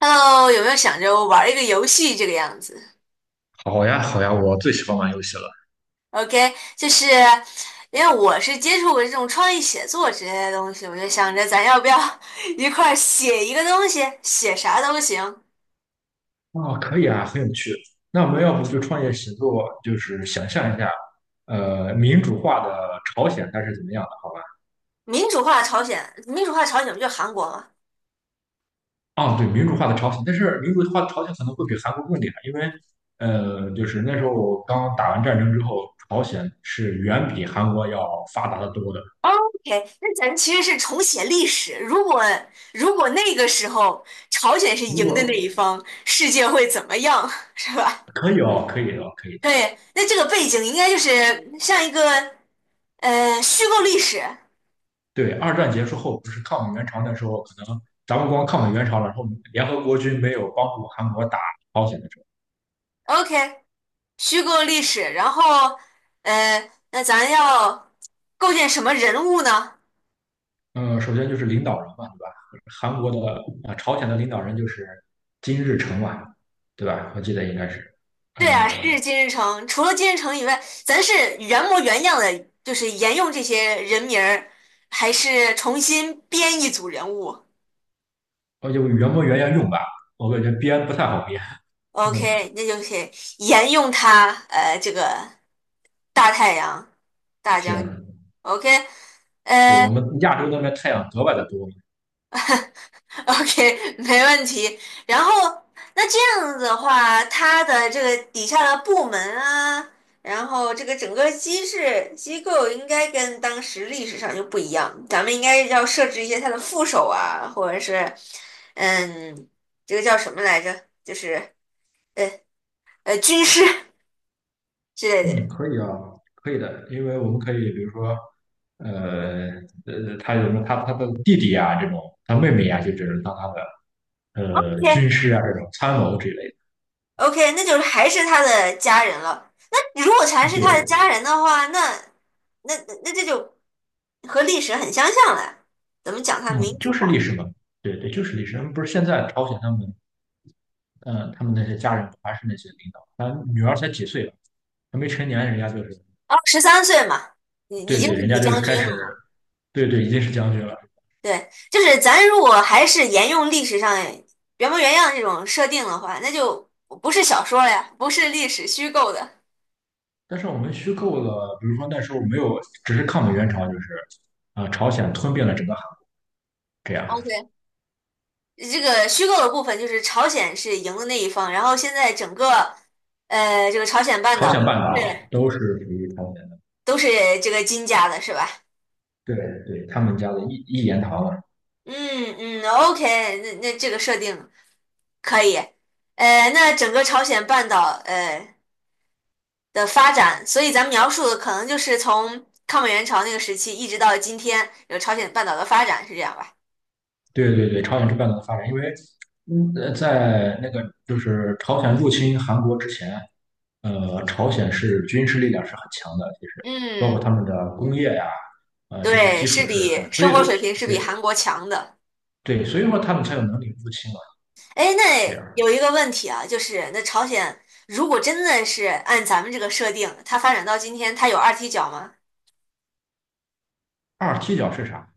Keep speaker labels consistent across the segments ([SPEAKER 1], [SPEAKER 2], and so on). [SPEAKER 1] Hello，有没有想着玩一个游戏这个样子
[SPEAKER 2] 好呀，好呀，我最喜欢玩游戏了。
[SPEAKER 1] ？OK，就是因为我是接触过这种创意写作之类的东西，我就想着咱要不要 一块儿写一个东西，写啥都行。
[SPEAKER 2] 哦，可以啊，很有趣。那我们要不就创业写作，就是想象一下，民主化的朝鲜它是怎么样
[SPEAKER 1] 民主化朝鲜，民主化朝鲜不就韩国吗
[SPEAKER 2] 的？啊，对，民主化的朝鲜，但是民主化的朝鲜可能会比韩国更厉害，因为，就是那时候我刚打完战争之后，朝鲜是远比韩国要发达的多的。
[SPEAKER 1] ？OK，那咱其实是重写历史。如果那个时候朝鲜是
[SPEAKER 2] 如
[SPEAKER 1] 赢的那一
[SPEAKER 2] 果
[SPEAKER 1] 方，世界会怎么样，是吧？
[SPEAKER 2] 可以哦，可以哦，可以的。
[SPEAKER 1] 对，那这个背景应该就是像一个虚构历史。
[SPEAKER 2] 对，二战结束后不是抗美援朝那时候，可能咱们光抗美援朝了，然后联合国军没有帮助韩国打朝鲜的时候。
[SPEAKER 1] OK，虚构历史，然后，那咱要构建什么人物呢？
[SPEAKER 2] 首先就是领导人嘛，对吧？韩国的啊、朝鲜的领导人就是金日成嘛，对吧？我记得应该是，
[SPEAKER 1] 对啊，是
[SPEAKER 2] 呃，
[SPEAKER 1] 金日成。除了金日成以外，咱是原模原样的，就是沿用这些人名儿，还是重新编一组人物
[SPEAKER 2] 哦，就原模原样用吧，我感觉编不太好编。嗯，
[SPEAKER 1] ？OK,那就是沿用他，这个大太阳大将军。
[SPEAKER 2] 行，
[SPEAKER 1] OK,
[SPEAKER 2] 对我
[SPEAKER 1] 呃。
[SPEAKER 2] 们亚洲那边太阳格外的多。
[SPEAKER 1] OK,没问题。然后，那这样子的话，他的这个底下的部门啊，然后这个整个机制机构应该跟当时历史上就不一样，咱们应该要设置一些他的副手啊，或者是，嗯，这个叫什么来着？就是呃军师 之类的
[SPEAKER 2] 嗯，
[SPEAKER 1] 人。
[SPEAKER 2] 可以啊，可以的，因为我们可以比如说，呃他有什么他的弟弟啊这种，他妹妹呀，就只能当他的军师啊这种参谋之类
[SPEAKER 1] OK，OK，那就是还是他的家人了。那如果全
[SPEAKER 2] 的。
[SPEAKER 1] 是
[SPEAKER 2] 对，
[SPEAKER 1] 他的家人的话，那那这就和历史很相像了，怎么讲它
[SPEAKER 2] 嗯，
[SPEAKER 1] 民
[SPEAKER 2] 就
[SPEAKER 1] 主
[SPEAKER 2] 是
[SPEAKER 1] 化
[SPEAKER 2] 历
[SPEAKER 1] 了？
[SPEAKER 2] 史嘛，对对，就是历史。他们不是现在朝鲜他们，嗯、他们那些家人还是那些领导，他女儿才几岁了，还没成年，人家就是，
[SPEAKER 1] 哦，13岁嘛，已已
[SPEAKER 2] 对
[SPEAKER 1] 经
[SPEAKER 2] 对，
[SPEAKER 1] 是
[SPEAKER 2] 人
[SPEAKER 1] 李
[SPEAKER 2] 家就是
[SPEAKER 1] 将
[SPEAKER 2] 开
[SPEAKER 1] 军
[SPEAKER 2] 始，
[SPEAKER 1] 了嘛。
[SPEAKER 2] 对对，已经是将军了。
[SPEAKER 1] 对，就是咱如果还是沿用历史上原模原样这种设定的话，那就不是小说了呀，不是历史虚构的。
[SPEAKER 2] 但是我们虚构了，比如说那时候没有，只是抗美援朝，就是朝鲜吞并了整个韩，这样，
[SPEAKER 1] OK,这个虚构的部分就是朝鲜是赢的那一方，然后现在整个这个朝鲜半
[SPEAKER 2] 朝
[SPEAKER 1] 岛
[SPEAKER 2] 鲜半岛
[SPEAKER 1] 是
[SPEAKER 2] 都是属于朝鲜的，
[SPEAKER 1] 都是这个金家的，是吧？
[SPEAKER 2] 对对，他们家的一言堂了。
[SPEAKER 1] 嗯嗯，OK,那这个设定。可以，那整个朝鲜半岛的发展，所以咱们描述的可能就是从抗美援朝那个时期一直到今天有朝鲜半岛的发展，是这样吧？
[SPEAKER 2] 对对对，朝鲜是半岛的发展，因为在那个就是朝鲜入侵韩国之前，朝鲜是军事力量是很强的，其实包括他
[SPEAKER 1] 嗯，
[SPEAKER 2] 们的工业呀、这些
[SPEAKER 1] 对，
[SPEAKER 2] 基
[SPEAKER 1] 是
[SPEAKER 2] 础是很，
[SPEAKER 1] 比
[SPEAKER 2] 所以
[SPEAKER 1] 生活水平是比
[SPEAKER 2] 对
[SPEAKER 1] 韩国强的。
[SPEAKER 2] 对，所以说他们才有能力入侵嘛。
[SPEAKER 1] 哎，
[SPEAKER 2] 这
[SPEAKER 1] 那
[SPEAKER 2] 样，
[SPEAKER 1] 有一个问题啊，就是那朝鲜如果真的是按咱们这个设定，它发展到今天，它有二踢脚吗？
[SPEAKER 2] 二踢脚是啥？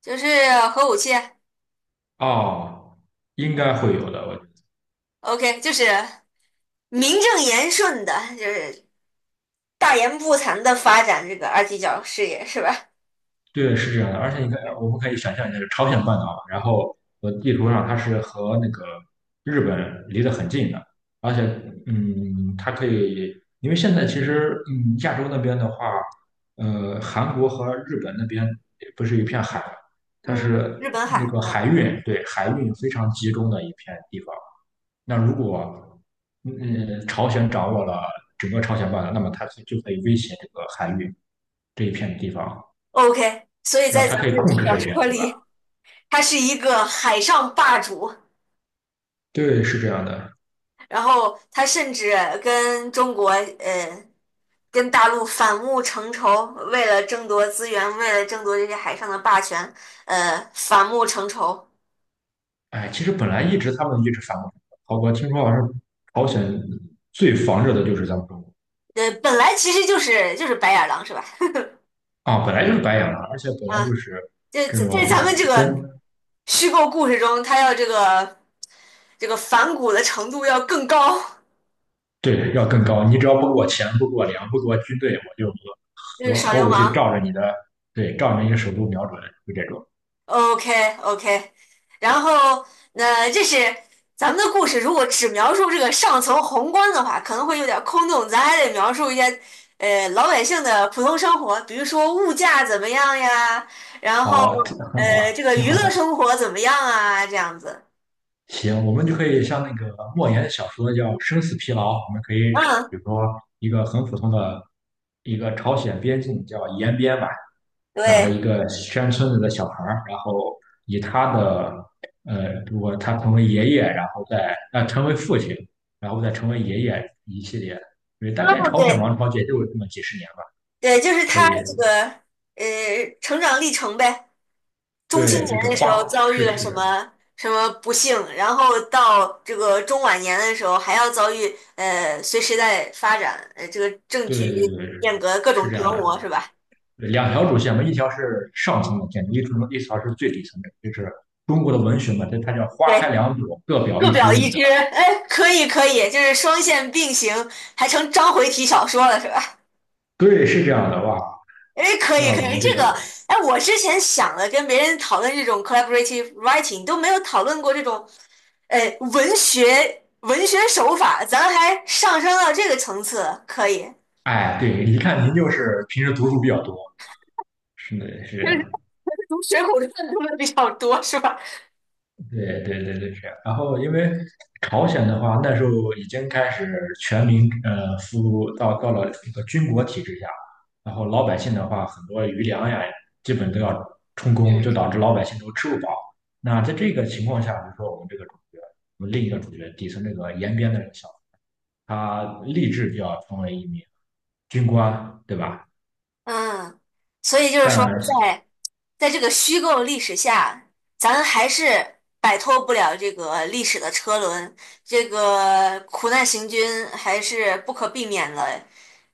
[SPEAKER 1] 就是核武器
[SPEAKER 2] 哦，应该会有的，
[SPEAKER 1] ，OK,就是名正言顺的，就是大言不惭的发展这个二踢脚事业是吧？
[SPEAKER 2] 对，是这样的，而且你看，我们可以想象一下，朝鲜半岛，然后地图上它是和那个日本离得很近的，而且，它可以，因为现在其实，亚洲那边的话，韩国和日本那边不是一片海，它
[SPEAKER 1] 嗯，日
[SPEAKER 2] 是
[SPEAKER 1] 本
[SPEAKER 2] 那
[SPEAKER 1] 海
[SPEAKER 2] 个
[SPEAKER 1] 啊
[SPEAKER 2] 海
[SPEAKER 1] 嗯
[SPEAKER 2] 运，对，海运非常集中的一片地方。那如果，朝鲜掌握了整个朝鲜半岛，那么它就可以威胁这个海运这一片地方。
[SPEAKER 1] ，OK,所以
[SPEAKER 2] 然
[SPEAKER 1] 在
[SPEAKER 2] 后他
[SPEAKER 1] 咱
[SPEAKER 2] 可
[SPEAKER 1] 们
[SPEAKER 2] 以
[SPEAKER 1] 的
[SPEAKER 2] 控制
[SPEAKER 1] 小
[SPEAKER 2] 这边，
[SPEAKER 1] 说
[SPEAKER 2] 对吧？
[SPEAKER 1] 里，他是一个海上霸主，
[SPEAKER 2] 对，是这样的。
[SPEAKER 1] 然后他甚至跟中国呃跟大陆反目成仇，为了争夺资源，为了争夺这些海上的霸权，反目成仇。
[SPEAKER 2] 哎，其实本来一直他们一直反过来，好吧，听说好像朝鲜最防着的就是咱们中国
[SPEAKER 1] 本来其实就是白眼狼是吧？
[SPEAKER 2] 啊，本来就是白眼狼，而且本来
[SPEAKER 1] 啊，
[SPEAKER 2] 就是
[SPEAKER 1] 这
[SPEAKER 2] 这
[SPEAKER 1] 这在
[SPEAKER 2] 种
[SPEAKER 1] 咱们这
[SPEAKER 2] 跟
[SPEAKER 1] 个虚构故事中，他要这个反骨的程度要更高，
[SPEAKER 2] 对要更高，你只要不给我钱，不给我粮，不给我军队，我就
[SPEAKER 1] 就是
[SPEAKER 2] 核核
[SPEAKER 1] 耍
[SPEAKER 2] 核
[SPEAKER 1] 流
[SPEAKER 2] 武器
[SPEAKER 1] 氓。
[SPEAKER 2] 照着你的对，照着你的首都瞄准，就这种。
[SPEAKER 1] OK OK,然后那这是咱们的故事，如果只描述这个上层宏观的话，可能会有点空洞，咱还得描述一些老百姓的普通生活，比如说物价怎么样呀，然后
[SPEAKER 2] 好，挺很好，
[SPEAKER 1] 这个
[SPEAKER 2] 挺
[SPEAKER 1] 娱
[SPEAKER 2] 好的。
[SPEAKER 1] 乐生活怎么样啊，这样子。
[SPEAKER 2] 行，我们就可以像那个莫言的小说叫《生死疲劳》，我们可以找，
[SPEAKER 1] 嗯，
[SPEAKER 2] 比如说一个很普通的一个朝鲜边境叫延边吧，哪的一
[SPEAKER 1] 对，
[SPEAKER 2] 个山村子的小孩儿，然后以他的呃，如果他成为爷爷，然后再成为父亲，然后再成为爷爷一系列的，因为
[SPEAKER 1] 哦
[SPEAKER 2] 大概朝鲜
[SPEAKER 1] 对
[SPEAKER 2] 王朝也就这么几十年吧，
[SPEAKER 1] 对，就是
[SPEAKER 2] 可
[SPEAKER 1] 他
[SPEAKER 2] 以，
[SPEAKER 1] 这个成长历程呗。中青
[SPEAKER 2] 对，就是
[SPEAKER 1] 年的时候
[SPEAKER 2] 花
[SPEAKER 1] 遭遇
[SPEAKER 2] 是
[SPEAKER 1] 了什
[SPEAKER 2] 是的，
[SPEAKER 1] 么什么不幸，然后到这个中晚年的时候还要遭遇随时代发展，这个政
[SPEAKER 2] 对
[SPEAKER 1] 局
[SPEAKER 2] 对对，
[SPEAKER 1] 变革各
[SPEAKER 2] 是
[SPEAKER 1] 种
[SPEAKER 2] 这样
[SPEAKER 1] 折磨
[SPEAKER 2] 的。
[SPEAKER 1] 是吧？
[SPEAKER 2] 两条主线嘛，一条是上层的建筑，一条是最底层的，就是中国的文学嘛，它叫花开
[SPEAKER 1] 对，
[SPEAKER 2] 两朵，各表
[SPEAKER 1] 各
[SPEAKER 2] 一
[SPEAKER 1] 表
[SPEAKER 2] 枝嘛，
[SPEAKER 1] 一
[SPEAKER 2] 对
[SPEAKER 1] 枝，
[SPEAKER 2] 吧？
[SPEAKER 1] 哎，可以可以，就是双线并行，还成章回体小说了是吧？
[SPEAKER 2] 对，是这样的哇。
[SPEAKER 1] 哎，可以
[SPEAKER 2] 那
[SPEAKER 1] 可
[SPEAKER 2] 我
[SPEAKER 1] 以，
[SPEAKER 2] 们这
[SPEAKER 1] 这
[SPEAKER 2] 个，
[SPEAKER 1] 个，哎，我之前想了跟别人讨论这种 collaborative writing,都没有讨论过这种，呃，文学手法，咱还上升到这个层次，可以。
[SPEAKER 2] 哎，对，一看您就是平时读书比较多，是的，是 这
[SPEAKER 1] 就是
[SPEAKER 2] 样。
[SPEAKER 1] 从《水浒传》读的比较多，是吧？
[SPEAKER 2] 对对对对是啊。然后因为朝鲜的话，那时候已经开始全民服务到了一个军国体制下，然后老百姓的话，很多余粮呀，基本都要充公，就
[SPEAKER 1] 嗯，
[SPEAKER 2] 导致老百姓都吃不饱。那在这个情况下，比如说我们这个主角，我们另一个主角底层这个延边的这个小子，他立志就要成为一名军官，对吧？
[SPEAKER 1] 嗯，所以就是说
[SPEAKER 2] 但
[SPEAKER 1] 在，这个虚构历史下，咱还是摆脱不了这个历史的车轮，这个苦难行军还是不可避免的，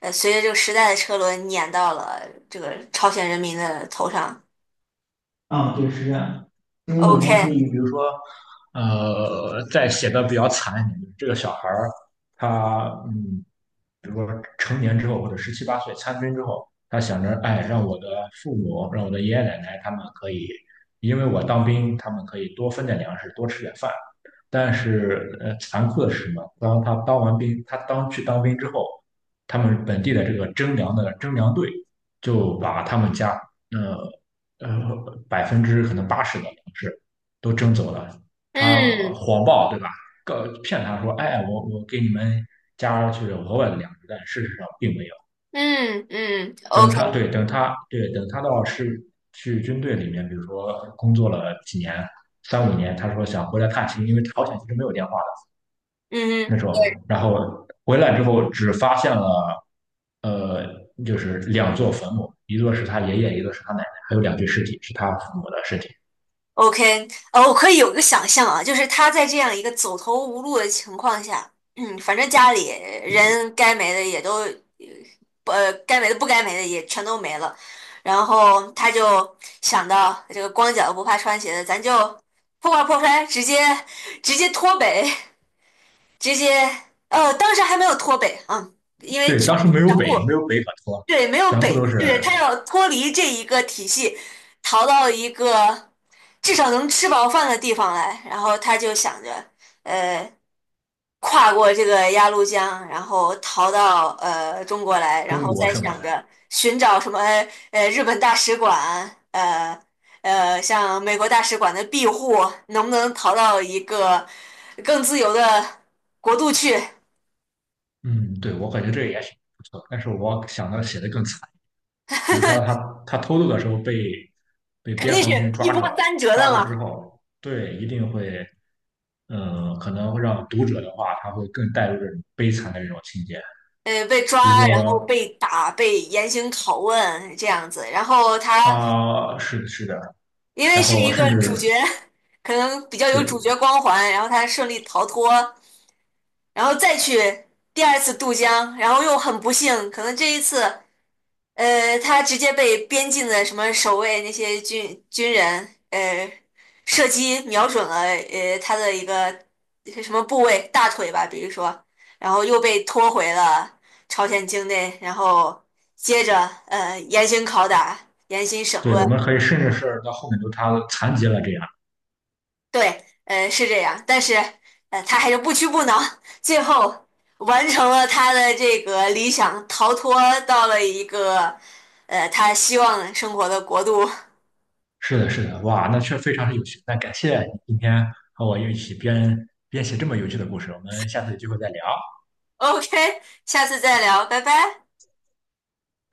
[SPEAKER 1] 随着这个时代的车轮碾到了这个朝鲜人民的头上。
[SPEAKER 2] 啊，对，是这样的。因为我们可以，
[SPEAKER 1] OK,
[SPEAKER 2] 比如说，在写的比较惨一点，就是这个小孩儿，他嗯，比如说成年之后或者十七八岁参军之后，他想着，哎，让我的父母，让我的爷爷奶奶他们可以，因为我当兵，他们可以多分点粮食，多吃点饭。但是残酷的是什么？当他当完兵，他当去当兵之后，他们本地的这个征粮队就把他们家呃百分之可能80的粮食都征走了。他
[SPEAKER 1] 嗯
[SPEAKER 2] 谎报对吧？告骗他说，哎，我给你们加去了额外的粮食，但事实上并没有。
[SPEAKER 1] 嗯嗯，OK,
[SPEAKER 2] 等他到是去军队里面，比如说工作了三五年，他说想回来探亲，因为朝鲜其实没有电话。
[SPEAKER 1] 嗯嗯，
[SPEAKER 2] 那时候，
[SPEAKER 1] 对。
[SPEAKER 2] 然后回来之后只发现了，呃，就是两座坟墓，一座是他爷爷，一座是他奶奶，还有两具尸体是他父母的尸体。
[SPEAKER 1] OK,我可以有一个想象啊，就是他在这样一个走投无路的情况下，嗯，反正家里人该没的也都，该没的不该没的也全都没了，然后他就想到这个光脚不怕穿鞋的，咱就破罐破摔，直接脱北，直接，当时还没有脱北，嗯，因为
[SPEAKER 2] 对，当时
[SPEAKER 1] 全
[SPEAKER 2] 没
[SPEAKER 1] 部。
[SPEAKER 2] 有北可托，
[SPEAKER 1] 对，没有
[SPEAKER 2] 全部都
[SPEAKER 1] 北，
[SPEAKER 2] 是
[SPEAKER 1] 对，他要脱离这一个体系，逃到一个至少能吃饱饭的地方来，然后他就想着，呃，跨过这个鸭绿江，然后逃到中国来，然
[SPEAKER 2] 中
[SPEAKER 1] 后
[SPEAKER 2] 国
[SPEAKER 1] 再
[SPEAKER 2] 是吗？
[SPEAKER 1] 想着寻找什么日本大使馆，像美国大使馆的庇护，能不能逃到一个更自由的国度去？
[SPEAKER 2] 嗯，对，我感觉这个也挺不错，但是我想到写的更惨，比如说他偷渡的时候被
[SPEAKER 1] 肯
[SPEAKER 2] 边
[SPEAKER 1] 定是
[SPEAKER 2] 防军
[SPEAKER 1] 一
[SPEAKER 2] 抓
[SPEAKER 1] 波
[SPEAKER 2] 住了，
[SPEAKER 1] 三折的
[SPEAKER 2] 抓住之
[SPEAKER 1] 嘛。
[SPEAKER 2] 后，对，一定会。嗯，可能会让读者的话，他会更带入这种悲惨的这种情节。
[SPEAKER 1] 被
[SPEAKER 2] 比如
[SPEAKER 1] 抓，然后
[SPEAKER 2] 说，
[SPEAKER 1] 被打，被严刑拷问这样子。然后他
[SPEAKER 2] 啊、是的，是的，
[SPEAKER 1] 因为
[SPEAKER 2] 然
[SPEAKER 1] 是
[SPEAKER 2] 后
[SPEAKER 1] 一
[SPEAKER 2] 甚
[SPEAKER 1] 个主角，
[SPEAKER 2] 至
[SPEAKER 1] 可能比较有主
[SPEAKER 2] 对
[SPEAKER 1] 角光环，然后他顺利逃脱，然后再去第二次渡江，然后又很不幸，可能这一次。他直接被边境的什么守卫那些军人，射击瞄准了他的一个什么部位，大腿吧，比如说，然后又被拖回了朝鲜境内，然后接着严刑拷打、严刑审
[SPEAKER 2] 对，
[SPEAKER 1] 问，
[SPEAKER 2] 我们可以甚至是到后面都他残疾了这样。
[SPEAKER 1] 对，是这样，但是他还是不屈不挠，最后完成了他的这个理想，逃脱到了一个他希望生活的国度。
[SPEAKER 2] 是的，是的，哇，那确实非常是有趣。那感谢你今天和我一起编写这么有趣的故事，我们下次有机会再聊。
[SPEAKER 1] OK,下次再聊，拜拜。